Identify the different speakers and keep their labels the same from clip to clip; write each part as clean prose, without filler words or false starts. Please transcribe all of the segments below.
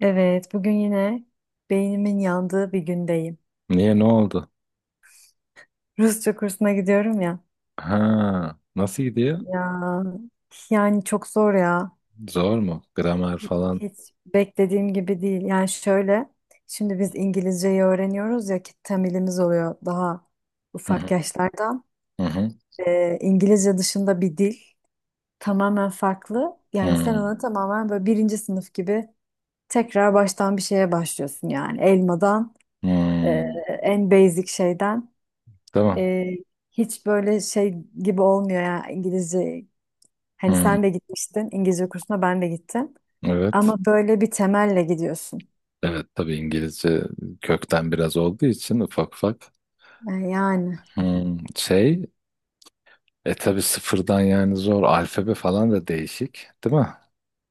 Speaker 1: Evet, bugün yine beynimin yandığı bir gündeyim.
Speaker 2: Niye, ne oldu?
Speaker 1: Rusça kursuna gidiyorum ya.
Speaker 2: Ha, nasıl gidiyor?
Speaker 1: Ya yani çok zor ya.
Speaker 2: Zor mu? Gramer falan.
Speaker 1: Hiç beklediğim gibi değil. Yani şöyle, şimdi biz İngilizceyi öğreniyoruz ya ki temelimiz oluyor daha
Speaker 2: Hı
Speaker 1: ufak
Speaker 2: hı.
Speaker 1: yaşlardan.
Speaker 2: Hı hı.
Speaker 1: İngilizce dışında bir dil tamamen farklı. Yani sen
Speaker 2: Hmm,
Speaker 1: ona tamamen böyle birinci sınıf gibi tekrar baştan bir şeye başlıyorsun yani. Elmadan, e,
Speaker 2: hmm.
Speaker 1: en basic şeyden.
Speaker 2: Tamam.
Speaker 1: Ee, hiç böyle şey gibi olmuyor ya İngilizce. Hani
Speaker 2: Hmm.
Speaker 1: sen de gitmiştin İngilizce kursuna ben de gittim.
Speaker 2: Evet.
Speaker 1: Ama böyle bir temelle gidiyorsun.
Speaker 2: Evet, tabii İngilizce kökten biraz olduğu için ufak ufak.
Speaker 1: Yani
Speaker 2: Şey, tabii sıfırdan yani zor. Alfabe falan da değişik, değil mi?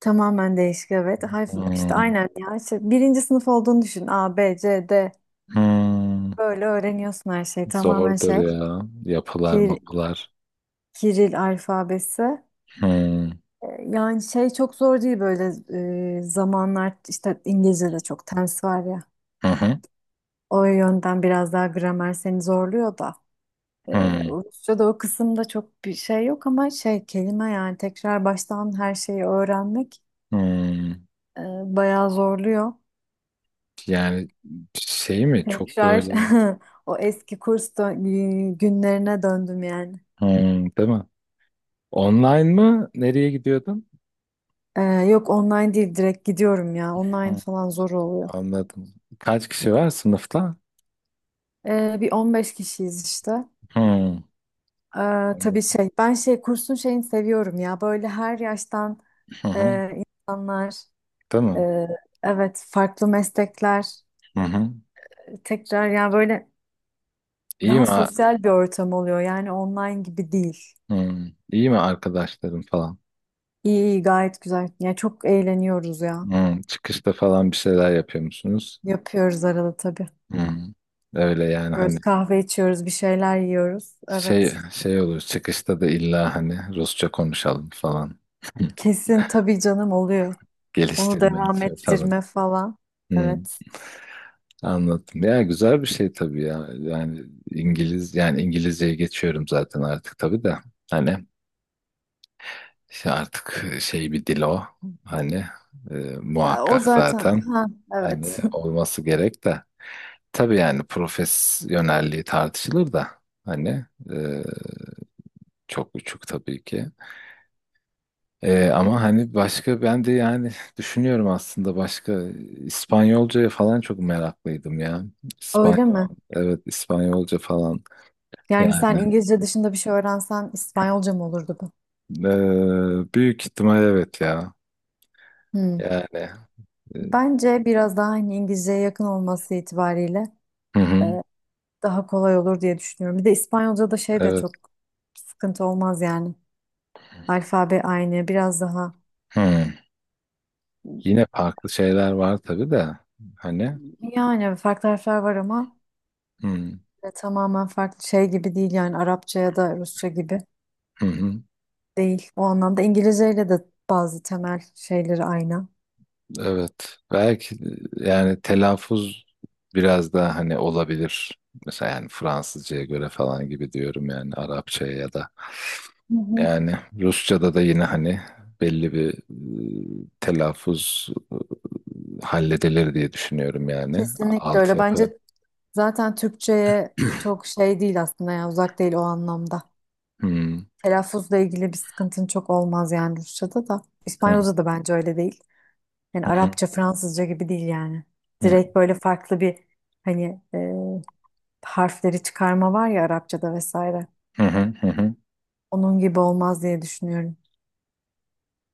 Speaker 1: tamamen değişik, evet. Harf, işte
Speaker 2: Hmm,
Speaker 1: aynen ya. İşte birinci sınıf olduğunu düşün. A, B, C, D.
Speaker 2: hmm.
Speaker 1: Böyle öğreniyorsun her şeyi. Tamamen
Speaker 2: Zordur
Speaker 1: şey.
Speaker 2: ya. Yapılar,
Speaker 1: Kiril,
Speaker 2: mapılar.
Speaker 1: Kiril alfabesi.
Speaker 2: Hmm,
Speaker 1: Yani şey çok zor değil, böyle zamanlar işte, İngilizce'de çok tense var ya.
Speaker 2: hı hı,
Speaker 1: O yönden biraz daha gramer seni zorluyor da. Ee,
Speaker 2: hmm,
Speaker 1: Rusça'da o kısımda çok bir şey yok, ama şey, kelime yani, tekrar baştan her şeyi öğrenmek
Speaker 2: hmm.
Speaker 1: e, bayağı zorluyor.
Speaker 2: Yani şey mi, çok
Speaker 1: Tekrar
Speaker 2: böyle.
Speaker 1: o eski günlerine döndüm yani.
Speaker 2: Değil mi? Online mı? Nereye gidiyordun?
Speaker 1: Yok, online değil, direkt gidiyorum ya. Online
Speaker 2: Hmm,
Speaker 1: falan zor oluyor.
Speaker 2: anladım. Kaç kişi var sınıfta?
Speaker 1: Bir 15 kişiyiz işte.
Speaker 2: Hmm,
Speaker 1: Tabii
Speaker 2: anladım.
Speaker 1: şey, ben şey, kursun şeyini seviyorum ya. Böyle her yaştan
Speaker 2: Hı hı,
Speaker 1: e, insanlar,
Speaker 2: değil mi?
Speaker 1: e, evet, farklı meslekler,
Speaker 2: Hı hı.
Speaker 1: tekrar yani böyle,
Speaker 2: İyi
Speaker 1: daha
Speaker 2: mi?
Speaker 1: sosyal bir ortam oluyor yani, online gibi değil.
Speaker 2: Hmm, iyi mi arkadaşlarım falan?
Speaker 1: İyi iyi, gayet güzel. Ya çok eğleniyoruz ya.
Speaker 2: Çıkışta falan bir şeyler yapıyor musunuz?
Speaker 1: Yapıyoruz arada tabii.
Speaker 2: Hmm, öyle yani, hani
Speaker 1: Yiyoruz, kahve içiyoruz, bir şeyler yiyoruz.
Speaker 2: şey
Speaker 1: Evet.
Speaker 2: şey olur çıkışta da, illa hani Rusça konuşalım falan.
Speaker 1: Kesin tabii canım, oluyor. Onu
Speaker 2: Geliştirme
Speaker 1: devam
Speaker 2: için falan.
Speaker 1: ettirme falan.
Speaker 2: Hmm.
Speaker 1: Evet.
Speaker 2: Anladım. Ya, güzel bir şey tabii ya. Yani İngilizceye geçiyorum zaten artık tabii de. Hani, işte artık şey, bir dil o. Hani e,
Speaker 1: Ya, o
Speaker 2: muhakkak
Speaker 1: zaten,
Speaker 2: zaten.
Speaker 1: ha,
Speaker 2: Hani
Speaker 1: evet.
Speaker 2: olması gerek de. Tabii, yani profesyonelliği tartışılır da. Hani e, çok uçuk tabii ki. Ama hani başka, ben de yani düşünüyorum aslında başka, İspanyolcaya falan çok meraklıydım ya.
Speaker 1: Öyle mi?
Speaker 2: Evet, İspanyolca falan.
Speaker 1: Yani
Speaker 2: Yani
Speaker 1: sen İngilizce dışında bir şey öğrensen İspanyolca mı olurdu bu?
Speaker 2: büyük ihtimal evet ya.
Speaker 1: Hmm.
Speaker 2: Yani e,
Speaker 1: Bence biraz daha, hani, İngilizceye yakın olması itibariyle
Speaker 2: hı hı,
Speaker 1: e, daha kolay olur diye düşünüyorum. Bir de İspanyolca da şey de
Speaker 2: evet.
Speaker 1: çok sıkıntı olmaz yani. Alfabe aynı, biraz daha.
Speaker 2: Hı. Yine farklı şeyler var tabii de, hani
Speaker 1: Yani farklı harfler var ama
Speaker 2: hı,
Speaker 1: tamamen farklı şey gibi değil yani, Arapça ya da Rusça gibi
Speaker 2: hı hı,
Speaker 1: değil. O anlamda İngilizceyle de bazı temel şeyleri aynı.
Speaker 2: evet. Belki yani telaffuz biraz daha hani olabilir. Mesela yani Fransızcaya göre falan gibi diyorum, yani Arapçaya ya da.
Speaker 1: Hı hı.
Speaker 2: Yani Rusça'da da yine, hani belli bir telaffuz halledilir diye düşünüyorum yani.
Speaker 1: Kesinlikle öyle.
Speaker 2: Altyapı.
Speaker 1: Bence zaten Türkçe'ye çok şey değil aslında, yani uzak değil o anlamda.
Speaker 2: Hı
Speaker 1: Telaffuzla ilgili bir sıkıntın çok olmaz yani Rusça'da da.
Speaker 2: hı.
Speaker 1: İspanyolca da bence öyle değil. Yani
Speaker 2: Hı hı,
Speaker 1: Arapça, Fransızca gibi değil yani.
Speaker 2: hı
Speaker 1: Direkt böyle farklı bir, hani, harfleri çıkarma var ya Arapça'da vesaire.
Speaker 2: hı, hı hı, hı.
Speaker 1: Onun gibi olmaz diye düşünüyorum.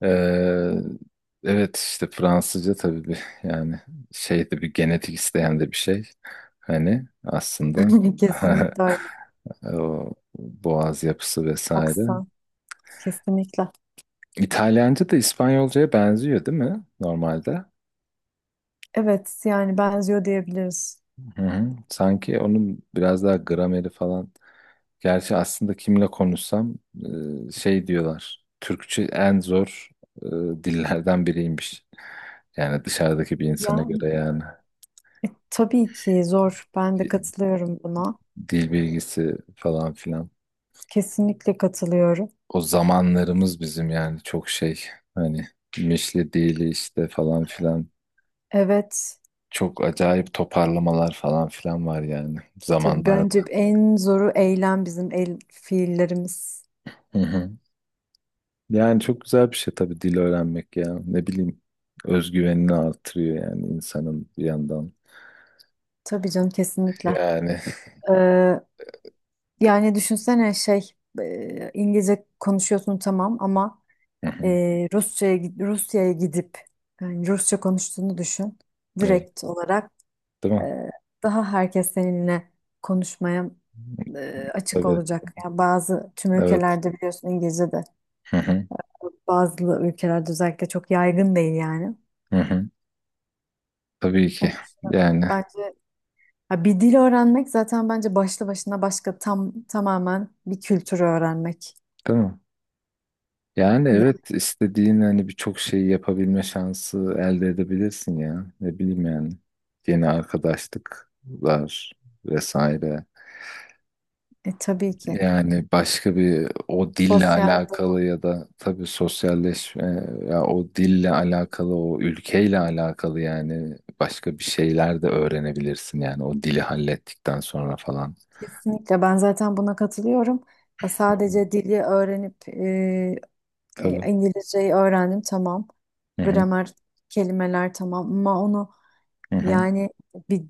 Speaker 2: Evet işte Fransızca tabii, bir yani şey de bir genetik isteyen de bir şey. Hani aslında
Speaker 1: Kesinlikle öyle.
Speaker 2: o boğaz yapısı vesaire.
Speaker 1: Aksan. Kesinlikle.
Speaker 2: İtalyanca da İspanyolcaya benziyor değil mi normalde?
Speaker 1: Evet, yani benziyor diyebiliriz.
Speaker 2: Hı hı. Sanki onun biraz daha grameri falan. Gerçi aslında kimle konuşsam şey diyorlar. Türkçe en zor e, dillerden biriymiş. Yani dışarıdaki bir insana
Speaker 1: Ya,
Speaker 2: göre yani
Speaker 1: tabii ki zor. Ben de
Speaker 2: Di-
Speaker 1: katılıyorum buna.
Speaker 2: dil bilgisi falan filan.
Speaker 1: Kesinlikle katılıyorum.
Speaker 2: O zamanlarımız bizim yani çok şey, hani mişli dili işte falan filan.
Speaker 1: Evet.
Speaker 2: Çok acayip toparlamalar falan filan var yani
Speaker 1: Tabii
Speaker 2: zamanlarda.
Speaker 1: bence en zoru eylem, bizim el fiillerimiz.
Speaker 2: Hı hı. Yani çok güzel bir şey tabii dil öğrenmek ya. Ne bileyim, özgüvenini artırıyor yani insanın bir yandan.
Speaker 1: Tabii canım, kesinlikle.
Speaker 2: Yani.
Speaker 1: Ee, yani düşünsene şey, İngilizce konuşuyorsun tamam, ama
Speaker 2: Hı
Speaker 1: e,
Speaker 2: hı.
Speaker 1: Rusya'ya gidip yani Rusça konuştuğunu düşün.
Speaker 2: Evet.
Speaker 1: Direkt olarak
Speaker 2: Değil mi?
Speaker 1: e, daha herkes seninle konuşmaya açık
Speaker 2: Tabii.
Speaker 1: olacak. Yani bazı, tüm
Speaker 2: Evet.
Speaker 1: ülkelerde biliyorsun İngilizce de,
Speaker 2: Hı hı.
Speaker 1: bazı ülkelerde özellikle çok yaygın değil yani.
Speaker 2: Hı hı. Tabii
Speaker 1: Onun
Speaker 2: ki.
Speaker 1: için
Speaker 2: Yani.
Speaker 1: bence, ha, bir dil öğrenmek zaten bence başlı başına başka, tamamen bir kültürü öğrenmek.
Speaker 2: Değil mi? Yani
Speaker 1: Ya,
Speaker 2: evet, istediğin hani birçok şeyi yapabilme şansı elde edebilirsin ya. Ne bileyim yani. Yeni arkadaşlıklar vesaire.
Speaker 1: tabii ki.
Speaker 2: Yani başka bir, o dille
Speaker 1: Sosyal doğa.
Speaker 2: alakalı ya da tabii sosyalleşme, ya o dille alakalı o ülkeyle alakalı, yani başka bir şeyler de öğrenebilirsin yani o dili hallettikten sonra falan.
Speaker 1: Kesinlikle, ben zaten buna katılıyorum. Ha, sadece dili öğrenip,
Speaker 2: Tabii.
Speaker 1: İngilizceyi öğrendim tamam.
Speaker 2: Hı hı.
Speaker 1: Gramer, kelimeler tamam, ama onu
Speaker 2: Hı hı.
Speaker 1: yani, bir,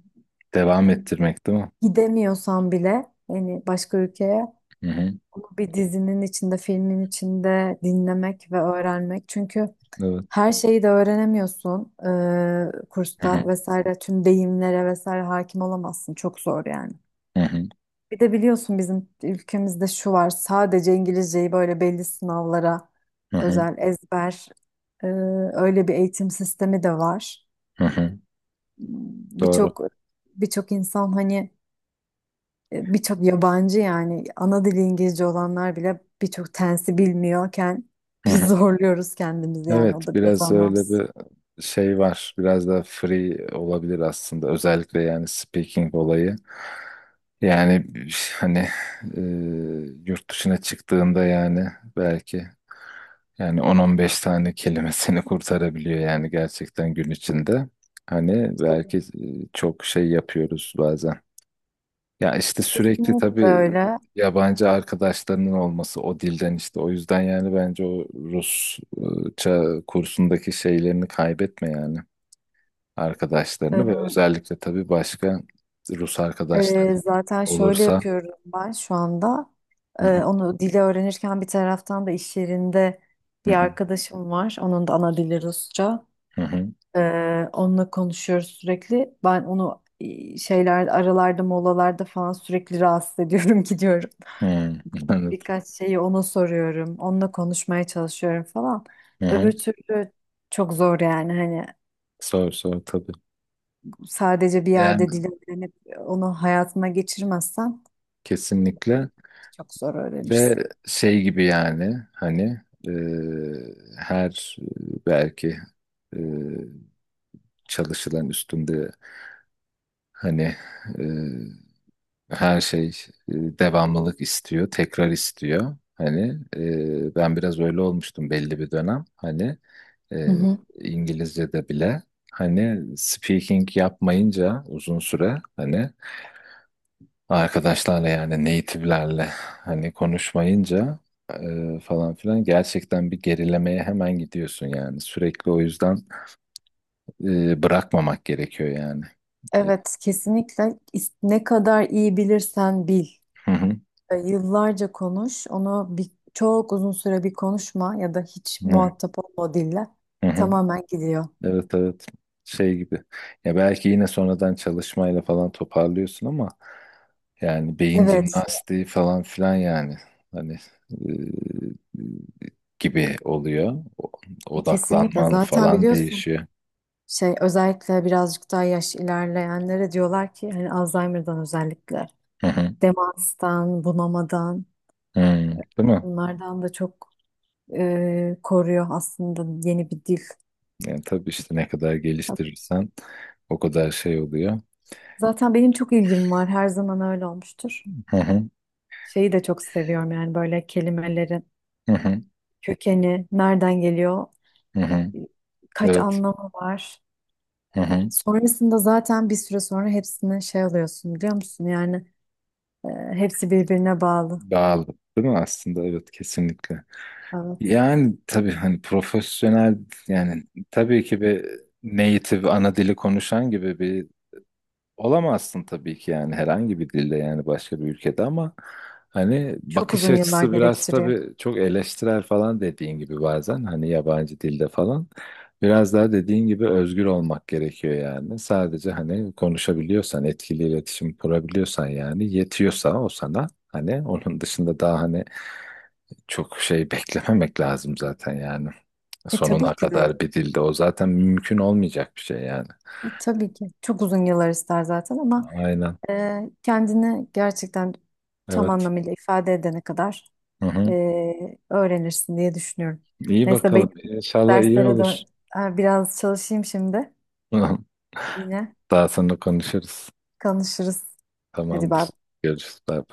Speaker 2: Devam ettirmek değil mi?
Speaker 1: gidemiyorsan bile yani başka ülkeye,
Speaker 2: Hı hı.
Speaker 1: onu bir dizinin içinde, filmin içinde dinlemek ve öğrenmek. Çünkü
Speaker 2: Evet.
Speaker 1: her şeyi de öğrenemiyorsun,
Speaker 2: Hı hı.
Speaker 1: kursta vesaire tüm deyimlere vesaire hakim olamazsın, çok zor yani.
Speaker 2: Hı hı.
Speaker 1: Bir de biliyorsun, bizim ülkemizde şu var, sadece İngilizceyi böyle belli sınavlara
Speaker 2: Hı hı.
Speaker 1: özel ezber, e, öyle bir eğitim sistemi de var.
Speaker 2: Hı hı. Doğru.
Speaker 1: Birçok birçok insan hani, birçok yabancı yani, ana dili İngilizce olanlar bile birçok tensi bilmiyorken
Speaker 2: Hı
Speaker 1: biz
Speaker 2: hı.
Speaker 1: zorluyoruz kendimizi yani,
Speaker 2: Evet,
Speaker 1: o da biraz
Speaker 2: biraz öyle
Speaker 1: anlamsız.
Speaker 2: bir şey var. Biraz daha free olabilir aslında. Özellikle yani speaking olayı. Yani hani e, yurt dışına çıktığında yani belki yani 10-15 tane kelimesini kurtarabiliyor yani gerçekten gün içinde. Hani
Speaker 1: Tabii.
Speaker 2: belki çok şey yapıyoruz bazen. Ya işte sürekli
Speaker 1: Kesinlikle
Speaker 2: tabii
Speaker 1: öyle.
Speaker 2: yabancı arkadaşlarının olması o dilden işte. O yüzden yani bence o Rusça kursundaki şeylerini kaybetme yani, arkadaşlarını ve
Speaker 1: Ee,
Speaker 2: özellikle tabii başka Rus
Speaker 1: e,
Speaker 2: arkadaşların
Speaker 1: zaten şöyle
Speaker 2: olursa.
Speaker 1: yapıyorum ben şu anda.
Speaker 2: Hı
Speaker 1: Ee,
Speaker 2: hı,
Speaker 1: onu dili öğrenirken bir taraftan da iş yerinde
Speaker 2: hı
Speaker 1: bir
Speaker 2: hı,
Speaker 1: arkadaşım var. Onun da ana dili Rusça.
Speaker 2: hı hı,
Speaker 1: Onunla konuşuyoruz sürekli. Ben onu şeyler, aralarda, molalarda falan sürekli rahatsız ediyorum, gidiyorum.
Speaker 2: hı. Evet.
Speaker 1: Birkaç şeyi ona soruyorum. Onunla konuşmaya çalışıyorum falan.
Speaker 2: Hı
Speaker 1: Öbür
Speaker 2: hı.
Speaker 1: türlü çok zor yani, hani
Speaker 2: Sor sor tabii.
Speaker 1: sadece bir
Speaker 2: Yani
Speaker 1: yerde dil öğrenip onu hayatına geçirmezsen
Speaker 2: kesinlikle
Speaker 1: çok zor öğrenirsin.
Speaker 2: ve şey gibi, yani hani e, her belki e, çalışılan üstünde. Hani e, her şey devamlılık istiyor, tekrar istiyor. Hani ben biraz öyle olmuştum belli bir dönem. Hani
Speaker 1: Hı
Speaker 2: e,
Speaker 1: hı.
Speaker 2: İngilizce'de bile hani speaking yapmayınca uzun süre, hani arkadaşlarla yani native'lerle hani konuşmayınca falan filan gerçekten bir gerilemeye hemen gidiyorsun yani. Sürekli o yüzden bırakmamak gerekiyor yani. E,
Speaker 1: Evet, kesinlikle, ne kadar iyi bilirsen bil.
Speaker 2: Hı hı,
Speaker 1: Yıllarca konuş, onu bir, çok uzun süre bir konuşma ya da hiç
Speaker 2: hı hı,
Speaker 1: muhatap olma o dille,
Speaker 2: hı hı.
Speaker 1: tamamen gidiyor.
Speaker 2: Evet evet, şey gibi ya, belki yine sonradan çalışmayla falan toparlıyorsun ama yani beyin
Speaker 1: Evet,
Speaker 2: jimnastiği falan filan yani, hani e, gibi oluyor. O-
Speaker 1: kesinlikle,
Speaker 2: odaklanman
Speaker 1: zaten
Speaker 2: falan
Speaker 1: biliyorsun
Speaker 2: değişiyor.
Speaker 1: şey, özellikle birazcık daha yaş ilerleyenlere diyorlar ki, hani Alzheimer'dan özellikle,
Speaker 2: Hı hı.
Speaker 1: demanstan, bunamadan,
Speaker 2: Hı, değil mi?
Speaker 1: bunlardan da çok koruyor aslında yeni bir dil.
Speaker 2: Yani tabii işte ne kadar geliştirirsen o kadar şey oluyor.
Speaker 1: Zaten benim çok ilgim var. Her zaman öyle olmuştur.
Speaker 2: Hı hı.
Speaker 1: Şeyi de çok seviyorum yani, böyle kelimelerin
Speaker 2: Hı hı.
Speaker 1: kökeni, nereden geliyor,
Speaker 2: Hı hı.
Speaker 1: kaç
Speaker 2: Evet.
Speaker 1: anlamı var.
Speaker 2: Hı hı.
Speaker 1: Sonrasında zaten bir süre sonra hepsini şey alıyorsun, biliyor musun? Yani e, hepsi birbirine bağlı.
Speaker 2: Bağlı değil mi aslında, evet, kesinlikle.
Speaker 1: Evet.
Speaker 2: Yani tabii hani profesyonel, yani tabii ki bir native ana dili konuşan gibi bir olamazsın tabii ki yani, herhangi bir dilde yani başka bir ülkede, ama hani
Speaker 1: Çok
Speaker 2: bakış
Speaker 1: uzun yıllar
Speaker 2: açısı biraz
Speaker 1: gerektiriyor.
Speaker 2: tabii çok eleştirel falan dediğin gibi, bazen hani yabancı dilde falan biraz daha dediğin gibi özgür olmak gerekiyor yani, sadece hani konuşabiliyorsan, etkili iletişim kurabiliyorsan, yani yetiyorsa o sana, hani onun dışında daha hani çok şey beklememek lazım zaten yani.
Speaker 1: E
Speaker 2: Sonuna
Speaker 1: tabii ki de.
Speaker 2: kadar bir dilde o zaten mümkün olmayacak bir şey yani.
Speaker 1: Tabii ki. Çok uzun yıllar ister zaten, ama
Speaker 2: Aynen.
Speaker 1: kendini gerçekten tam
Speaker 2: Evet.
Speaker 1: anlamıyla ifade edene kadar
Speaker 2: Hı hı.
Speaker 1: öğrenirsin diye düşünüyorum.
Speaker 2: İyi
Speaker 1: Neyse,
Speaker 2: bakalım. İnşallah iyi
Speaker 1: derslere
Speaker 2: olur.
Speaker 1: dön. Ha, biraz çalışayım şimdi. Yine
Speaker 2: Daha sonra konuşuruz.
Speaker 1: konuşuruz. Hadi bay
Speaker 2: Tamamdır.
Speaker 1: bay.
Speaker 2: Görüşürüz. Bye.